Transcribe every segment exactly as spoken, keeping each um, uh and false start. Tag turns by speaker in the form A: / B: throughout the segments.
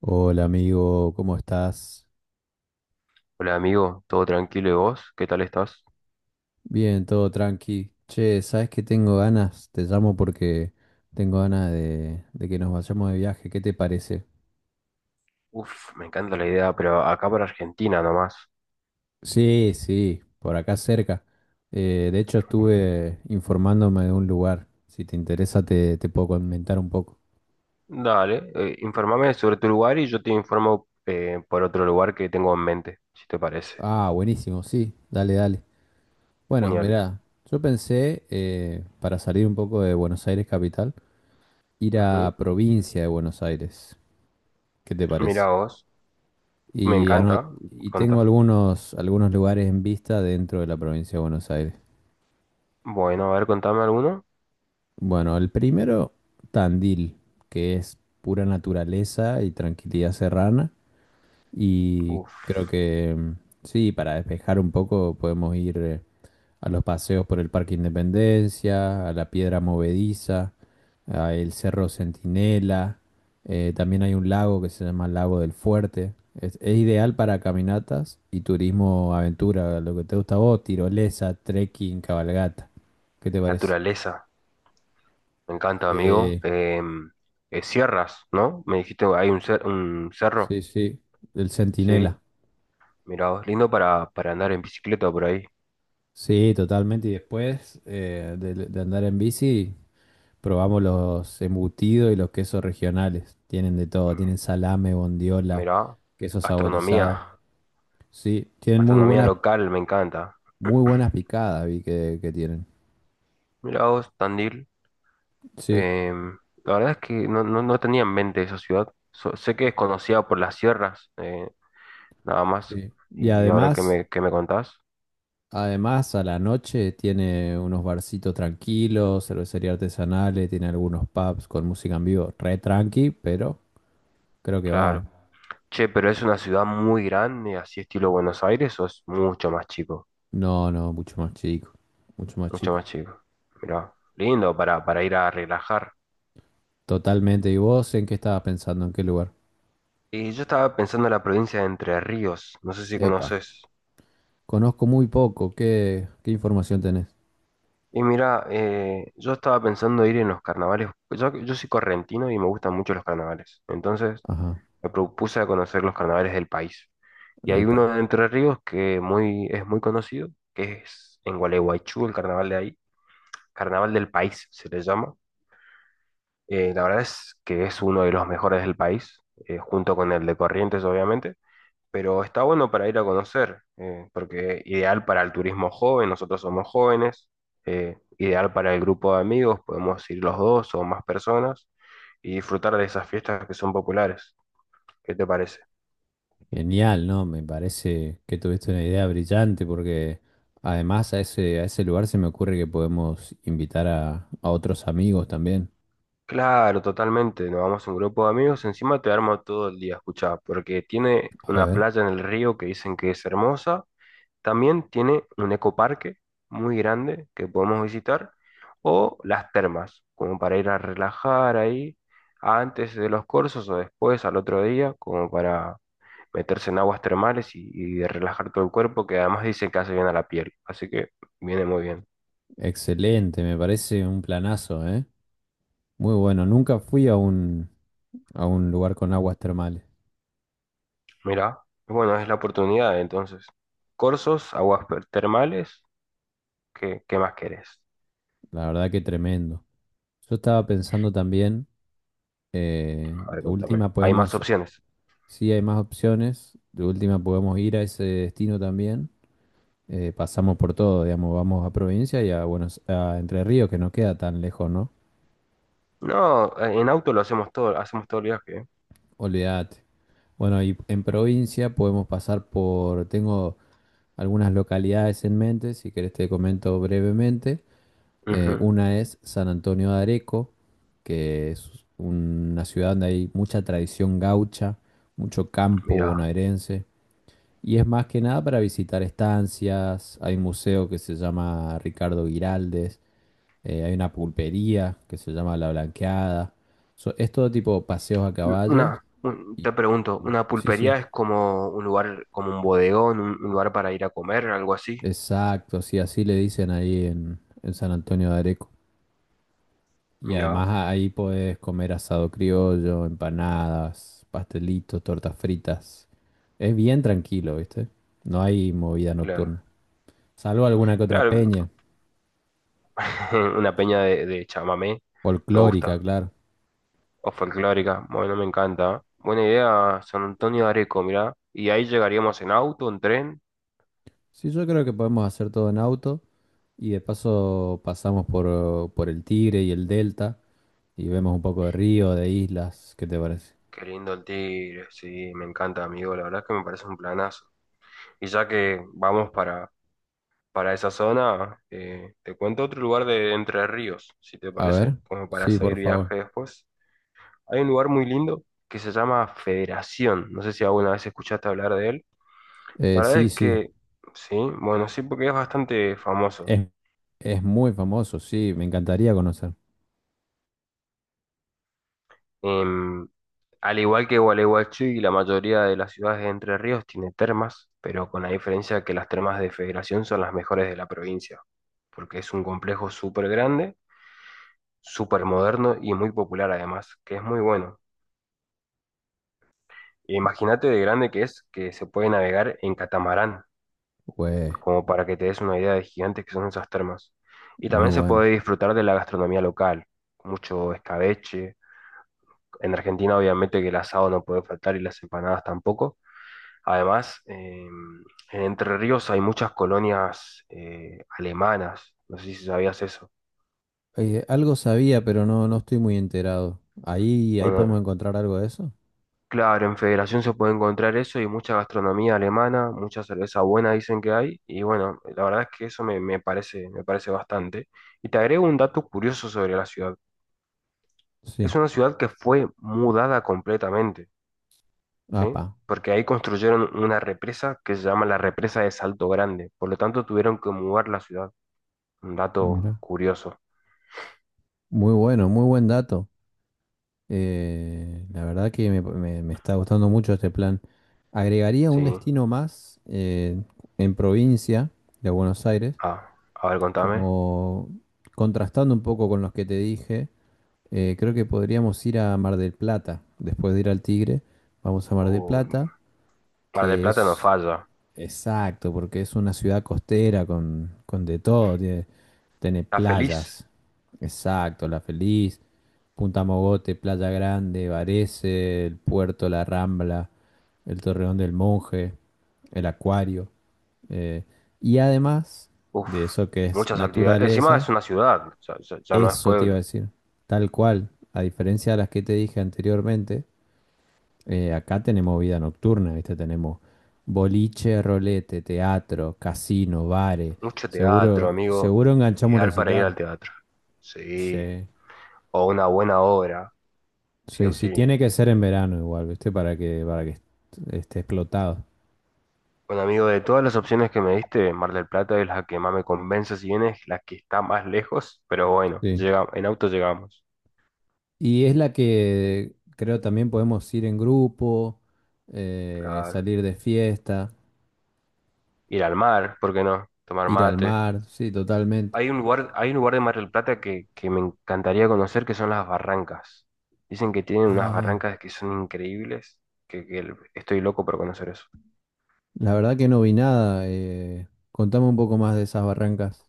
A: Hola amigo, ¿cómo estás?
B: Hola amigo, ¿todo tranquilo y vos? ¿Qué tal estás?
A: Bien, todo tranqui. Che, ¿sabes qué tengo ganas? Te llamo porque tengo ganas de, de que nos vayamos de viaje. ¿Qué te parece?
B: Uf, me encanta la idea, pero acá para Argentina nomás.
A: Sí, sí, por acá cerca. Eh, de hecho, estuve informándome de un lugar. Si te interesa, te, te puedo comentar un poco.
B: Dale, eh, informame sobre tu lugar y yo te informo eh, por otro lugar que tengo en mente, si te parece.
A: Ah, buenísimo, sí, dale, dale. Bueno,
B: Genial.
A: mirá, yo pensé, eh, para salir un poco de Buenos Aires capital, ir
B: Ujú.
A: a provincia de Buenos Aires. ¿Qué te
B: Mira
A: parece?
B: vos, me
A: Y,
B: encanta.
A: ano- y tengo
B: Contá.
A: algunos, algunos lugares en vista dentro de la provincia de Buenos Aires.
B: Bueno, a ver, contame alguno.
A: Bueno, el primero, Tandil, que es pura naturaleza y tranquilidad serrana. Y creo
B: Uf,
A: que mm, sí, para despejar un poco podemos ir. Eh, a los paseos por el Parque Independencia, a la Piedra Movediza, a el Cerro Centinela. Eh, también hay un lago que se llama Lago del Fuerte. Es, es ideal para caminatas y turismo aventura, lo que te gusta a vos, tirolesa, trekking, cabalgata. ¿Qué te parece?
B: naturaleza, me encanta amigo.
A: Sí,
B: Em, eh, sierras, ¿no? Me dijiste, hay un, cer- un cerro.
A: sí, sí. El
B: Sí,
A: Centinela.
B: mira vos, lindo para, para andar en bicicleta por ahí.
A: Sí, totalmente. Y después eh, de, de andar en bici, probamos los embutidos y los quesos regionales. Tienen de todo, tienen salame, bondiola,
B: Mirá,
A: queso
B: gastronomía,
A: saborizado. Sí, tienen muy
B: gastronomía
A: buenas,
B: local, me encanta.
A: muy buenas picadas, vi que, que tienen.
B: Mirá vos, Tandil.
A: Sí,
B: em, la verdad es que no, no, no tenía en mente esa ciudad. So- sé que es conocida por las sierras, eh, nada más.
A: sí. Y
B: Y ahora que
A: además,
B: me, que me contás,
A: además a la noche tiene unos barcitos tranquilos, cervecería artesanales, tiene algunos pubs con música en vivo, re tranqui, pero creo que va. eh.
B: claro. Che, pero ¿es una ciudad muy grande, así estilo Buenos Aires, o es mucho más chico?
A: No, no, mucho más chico, mucho más
B: Mucho
A: chico.
B: más chico. Mirá, lindo para, para ir a relajar.
A: Totalmente. ¿Y vos en qué estabas pensando? ¿En qué lugar?
B: Y yo estaba pensando en la provincia de Entre Ríos, no sé si
A: Epa.
B: conoces.
A: Conozco muy poco. ¿Qué, qué información tenés?
B: Y mira, eh, yo estaba pensando ir en los carnavales. Yo, yo soy correntino y me gustan mucho los carnavales. Entonces
A: Ajá.
B: me propuse a conocer los carnavales del país. Y hay uno
A: Epa.
B: de Entre Ríos que muy, es muy conocido, que es en Gualeguaychú, el carnaval de ahí. Carnaval del país se le llama. Eh, la verdad es que es uno de los mejores del país, eh, junto con el de Corrientes, obviamente, pero está bueno para ir a conocer, eh, porque ideal para el turismo joven, nosotros somos jóvenes, eh, ideal para el grupo de amigos, podemos ir los dos o más personas y disfrutar de esas fiestas que son populares. ¿Qué te parece?
A: Genial, ¿no? Me parece que tuviste una idea brillante porque además a ese, a ese lugar se me ocurre que podemos invitar a, a otros amigos también.
B: Claro, totalmente, nos vamos a un grupo de amigos, encima te armo todo el día, escuchá, porque tiene
A: A
B: una
A: ver.
B: playa en el río que dicen que es hermosa. También tiene un ecoparque muy grande que podemos visitar, o las termas, como para ir a relajar ahí antes de los cursos o después al otro día, como para meterse en aguas termales y, y de relajar todo el cuerpo, que además dicen que hace bien a la piel, así que viene muy bien.
A: Excelente, me parece un planazo, ¿eh? Muy bueno. Nunca fui a un, A un lugar con aguas termales.
B: Mirá, bueno, es la oportunidad entonces. Cursos, aguas per- termales, ¿qué, qué más querés?
A: La verdad que tremendo. Yo estaba pensando también, eh,
B: A ver,
A: de
B: contame.
A: última
B: Hay más
A: podemos.
B: opciones.
A: Sí, hay más opciones. De última podemos ir a ese destino también. Eh, pasamos por todo, digamos, vamos a provincia y a Buenos, a Entre Ríos, que no queda tan lejos, ¿no?
B: No, en auto lo hacemos todo, hacemos todo el viaje, ¿eh?
A: Olvídate. Bueno, y en provincia podemos pasar por, tengo algunas localidades en mente, si querés te comento brevemente. Eh,
B: Ujú.
A: una es San Antonio de Areco, que es una ciudad donde hay mucha tradición gaucha, mucho campo
B: Mirá.
A: bonaerense. Y es más que nada para visitar estancias, hay un museo que se llama Ricardo Giraldes, eh, hay una pulpería que se llama La Blanqueada. So- es todo tipo de paseos a caballos.
B: Una, un-
A: Y,
B: te pregunto, ¿una
A: sí,
B: pulpería
A: sí,
B: es como un lugar, como un bodegón, un, un lugar para ir a comer, algo así?
A: exacto, sí, así le dicen ahí en, en San Antonio de Areco. Y además
B: Mira,
A: a- ahí podés comer asado criollo, empanadas, pastelitos, tortas fritas. Es bien tranquilo, ¿viste? No hay movida nocturna.
B: claro.
A: Salvo alguna que otra
B: Claro,
A: peña,
B: una peña de, de chamamé, me
A: folclórica,
B: gusta.
A: claro.
B: O folclórica, bueno, me encanta. Buena idea, San Antonio de Areco, mirá. Y ahí llegaríamos en auto, en tren.
A: Sí, yo creo que podemos hacer todo en auto y de paso pasamos por, por el Tigre y el Delta y vemos un poco de río, de islas, ¿qué te parece?
B: Qué lindo el Tigre, sí, me encanta, amigo. La verdad es que me parece un planazo. Y ya que vamos para, para esa zona, eh, te cuento otro lugar de Entre Ríos, si te
A: A
B: parece,
A: ver,
B: como para
A: sí, por
B: seguir
A: favor.
B: viaje después. Hay un lugar muy lindo que se llama Federación. No sé si alguna vez escuchaste hablar de él.
A: Eh,
B: La verdad
A: sí,
B: es
A: sí,
B: que sí, bueno, sí, porque es bastante famoso.
A: es, es muy famoso, sí, me encantaría conocer.
B: Em, al igual que Gualeguaychú y la mayoría de las ciudades de Entre Ríos tiene termas, pero con la diferencia que las termas de Federación son las mejores de la provincia, porque es un complejo súper grande, súper moderno y muy popular además, que es muy bueno. Imagínate de grande que es, que se puede navegar en catamarán,
A: Güey,
B: como para que te des una idea de gigantes que son esas termas. Y
A: muy
B: también se
A: bueno.
B: puede disfrutar de la gastronomía local, mucho escabeche. En Argentina obviamente que el asado no puede faltar y las empanadas tampoco. Además, eh, en Entre Ríos hay muchas colonias eh, alemanas, no sé si sabías eso.
A: Eh, algo sabía, pero no, no estoy muy enterado. Ahí, ahí podemos
B: Bueno,
A: encontrar algo de eso.
B: claro, en Federación se puede encontrar eso y mucha gastronomía alemana, mucha cerveza buena dicen que hay, y bueno, la verdad es que eso me, me parece, me parece bastante. Y te agrego un dato curioso sobre la ciudad. Es
A: Sí,
B: una ciudad que fue mudada completamente, ¿sí?
A: apa,
B: Porque ahí construyeron una represa que se llama la represa de Salto Grande, por lo tanto tuvieron que mudar la ciudad. Un dato
A: mira.
B: curioso,
A: Muy bueno, muy buen dato. Eh, la verdad que me me- me está gustando mucho este plan. Agregaría
B: ¿sí?
A: un destino más eh, en provincia de Buenos Aires,
B: Ah, a ver, contame.
A: como contrastando un poco con los que te dije, eh, creo que podríamos ir a Mar del Plata, después de ir al Tigre, vamos a Mar del
B: Uy,
A: Plata,
B: Mar del
A: que
B: Plata no
A: es.
B: falla.
A: Exacto, porque es una ciudad costera con, con de todo, tiene, tiene
B: Está feliz.
A: playas. Exacto, La Feliz, Punta Mogote, Playa Grande, Varese, el puerto, La Rambla, el Torreón del Monje, el Acuario. eh, y además
B: Uf,
A: de eso que es
B: muchas actividades. Encima
A: naturaleza,
B: es una ciudad, o sea, ya, ya no es
A: eso te iba a
B: pueblo.
A: decir, tal cual, a diferencia de las que te dije anteriormente, eh, acá tenemos vida nocturna, ¿viste? Tenemos boliche, rolete, teatro, casino, bares.
B: Mucho teatro,
A: Seguro,
B: amigo.
A: seguro enganchamos un
B: Ideal para ir
A: recital.
B: al teatro. Sí.
A: Sí.
B: O una buena obra, sí o
A: Sí, sí,
B: sí.
A: tiene que ser en verano igual, ¿viste? Para que, para que est- esté explotado.
B: Bueno, amigo, de todas las opciones que me diste, Mar del Plata es la que más me convence, si bien es la que está más lejos, pero bueno,
A: Sí.
B: llega, en auto llegamos.
A: Y es la que creo también podemos ir en grupo, eh,
B: Claro.
A: salir de fiesta,
B: Ir al mar, ¿por qué no? Tomar
A: ir al
B: mate.
A: mar, sí, totalmente.
B: Hay un lugar, hay un lugar de Mar del Plata que, que me encantaría conocer, que son las Barrancas. Dicen que tienen unas
A: Ah,
B: barrancas que son increíbles, que, que el- estoy loco por conocer eso.
A: la verdad que no vi nada. Eh, contame un poco más de esas barrancas.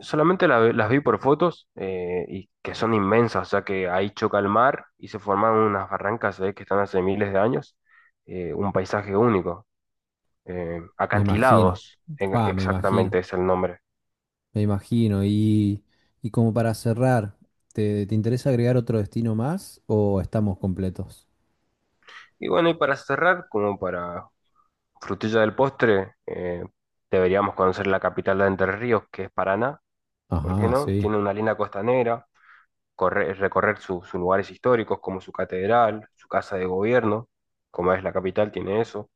B: Solamente la- las vi por fotos eh, y que son inmensas, o sea que ahí choca el mar y se forman unas barrancas eh, que están hace miles de años, eh, un paisaje único. Eh,
A: Me imagino,
B: acantilados, en-
A: pa, me imagino,
B: exactamente es el nombre.
A: me imagino. Y, y como para cerrar, ¿te, te interesa agregar otro destino más o estamos completos?
B: Y bueno, y para cerrar, como para frutilla del postre, eh, deberíamos conocer la capital de Entre Ríos, que es Paraná, ¿por qué
A: Ajá,
B: no?
A: sí,
B: Tiene una linda costanera, corre- recorrer su- sus lugares históricos como su catedral, su casa de gobierno, como es la capital, tiene eso.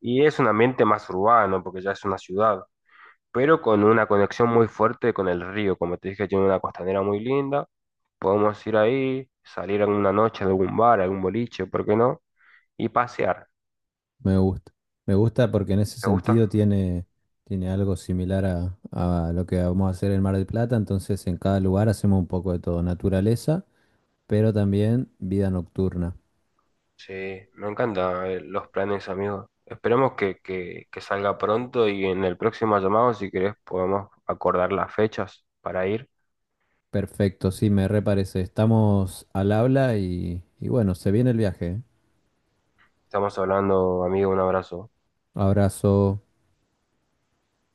B: Y es un ambiente más urbano, porque ya es una ciudad, pero con una conexión muy fuerte con el río, como te dije, tiene una costanera muy linda, podemos ir ahí, salir alguna noche de algún bar, a algún boliche, ¿por qué no? Y pasear,
A: me gusta. Me gusta porque en ese
B: ¿te
A: sentido
B: gusta?
A: tiene, tiene algo similar a, a lo que vamos a hacer en Mar del Plata. Entonces, en cada lugar hacemos un poco de todo, naturaleza, pero también vida nocturna.
B: Sí, me encantan eh, los planes, amigo. Esperemos que, que, que salga pronto y en el próximo llamado, si querés, podemos acordar las fechas para ir.
A: Perfecto, sí, me reparece. Estamos al habla y, y bueno, se viene el viaje. ¿Eh?
B: Estamos hablando, amigo, un abrazo.
A: Abrazo.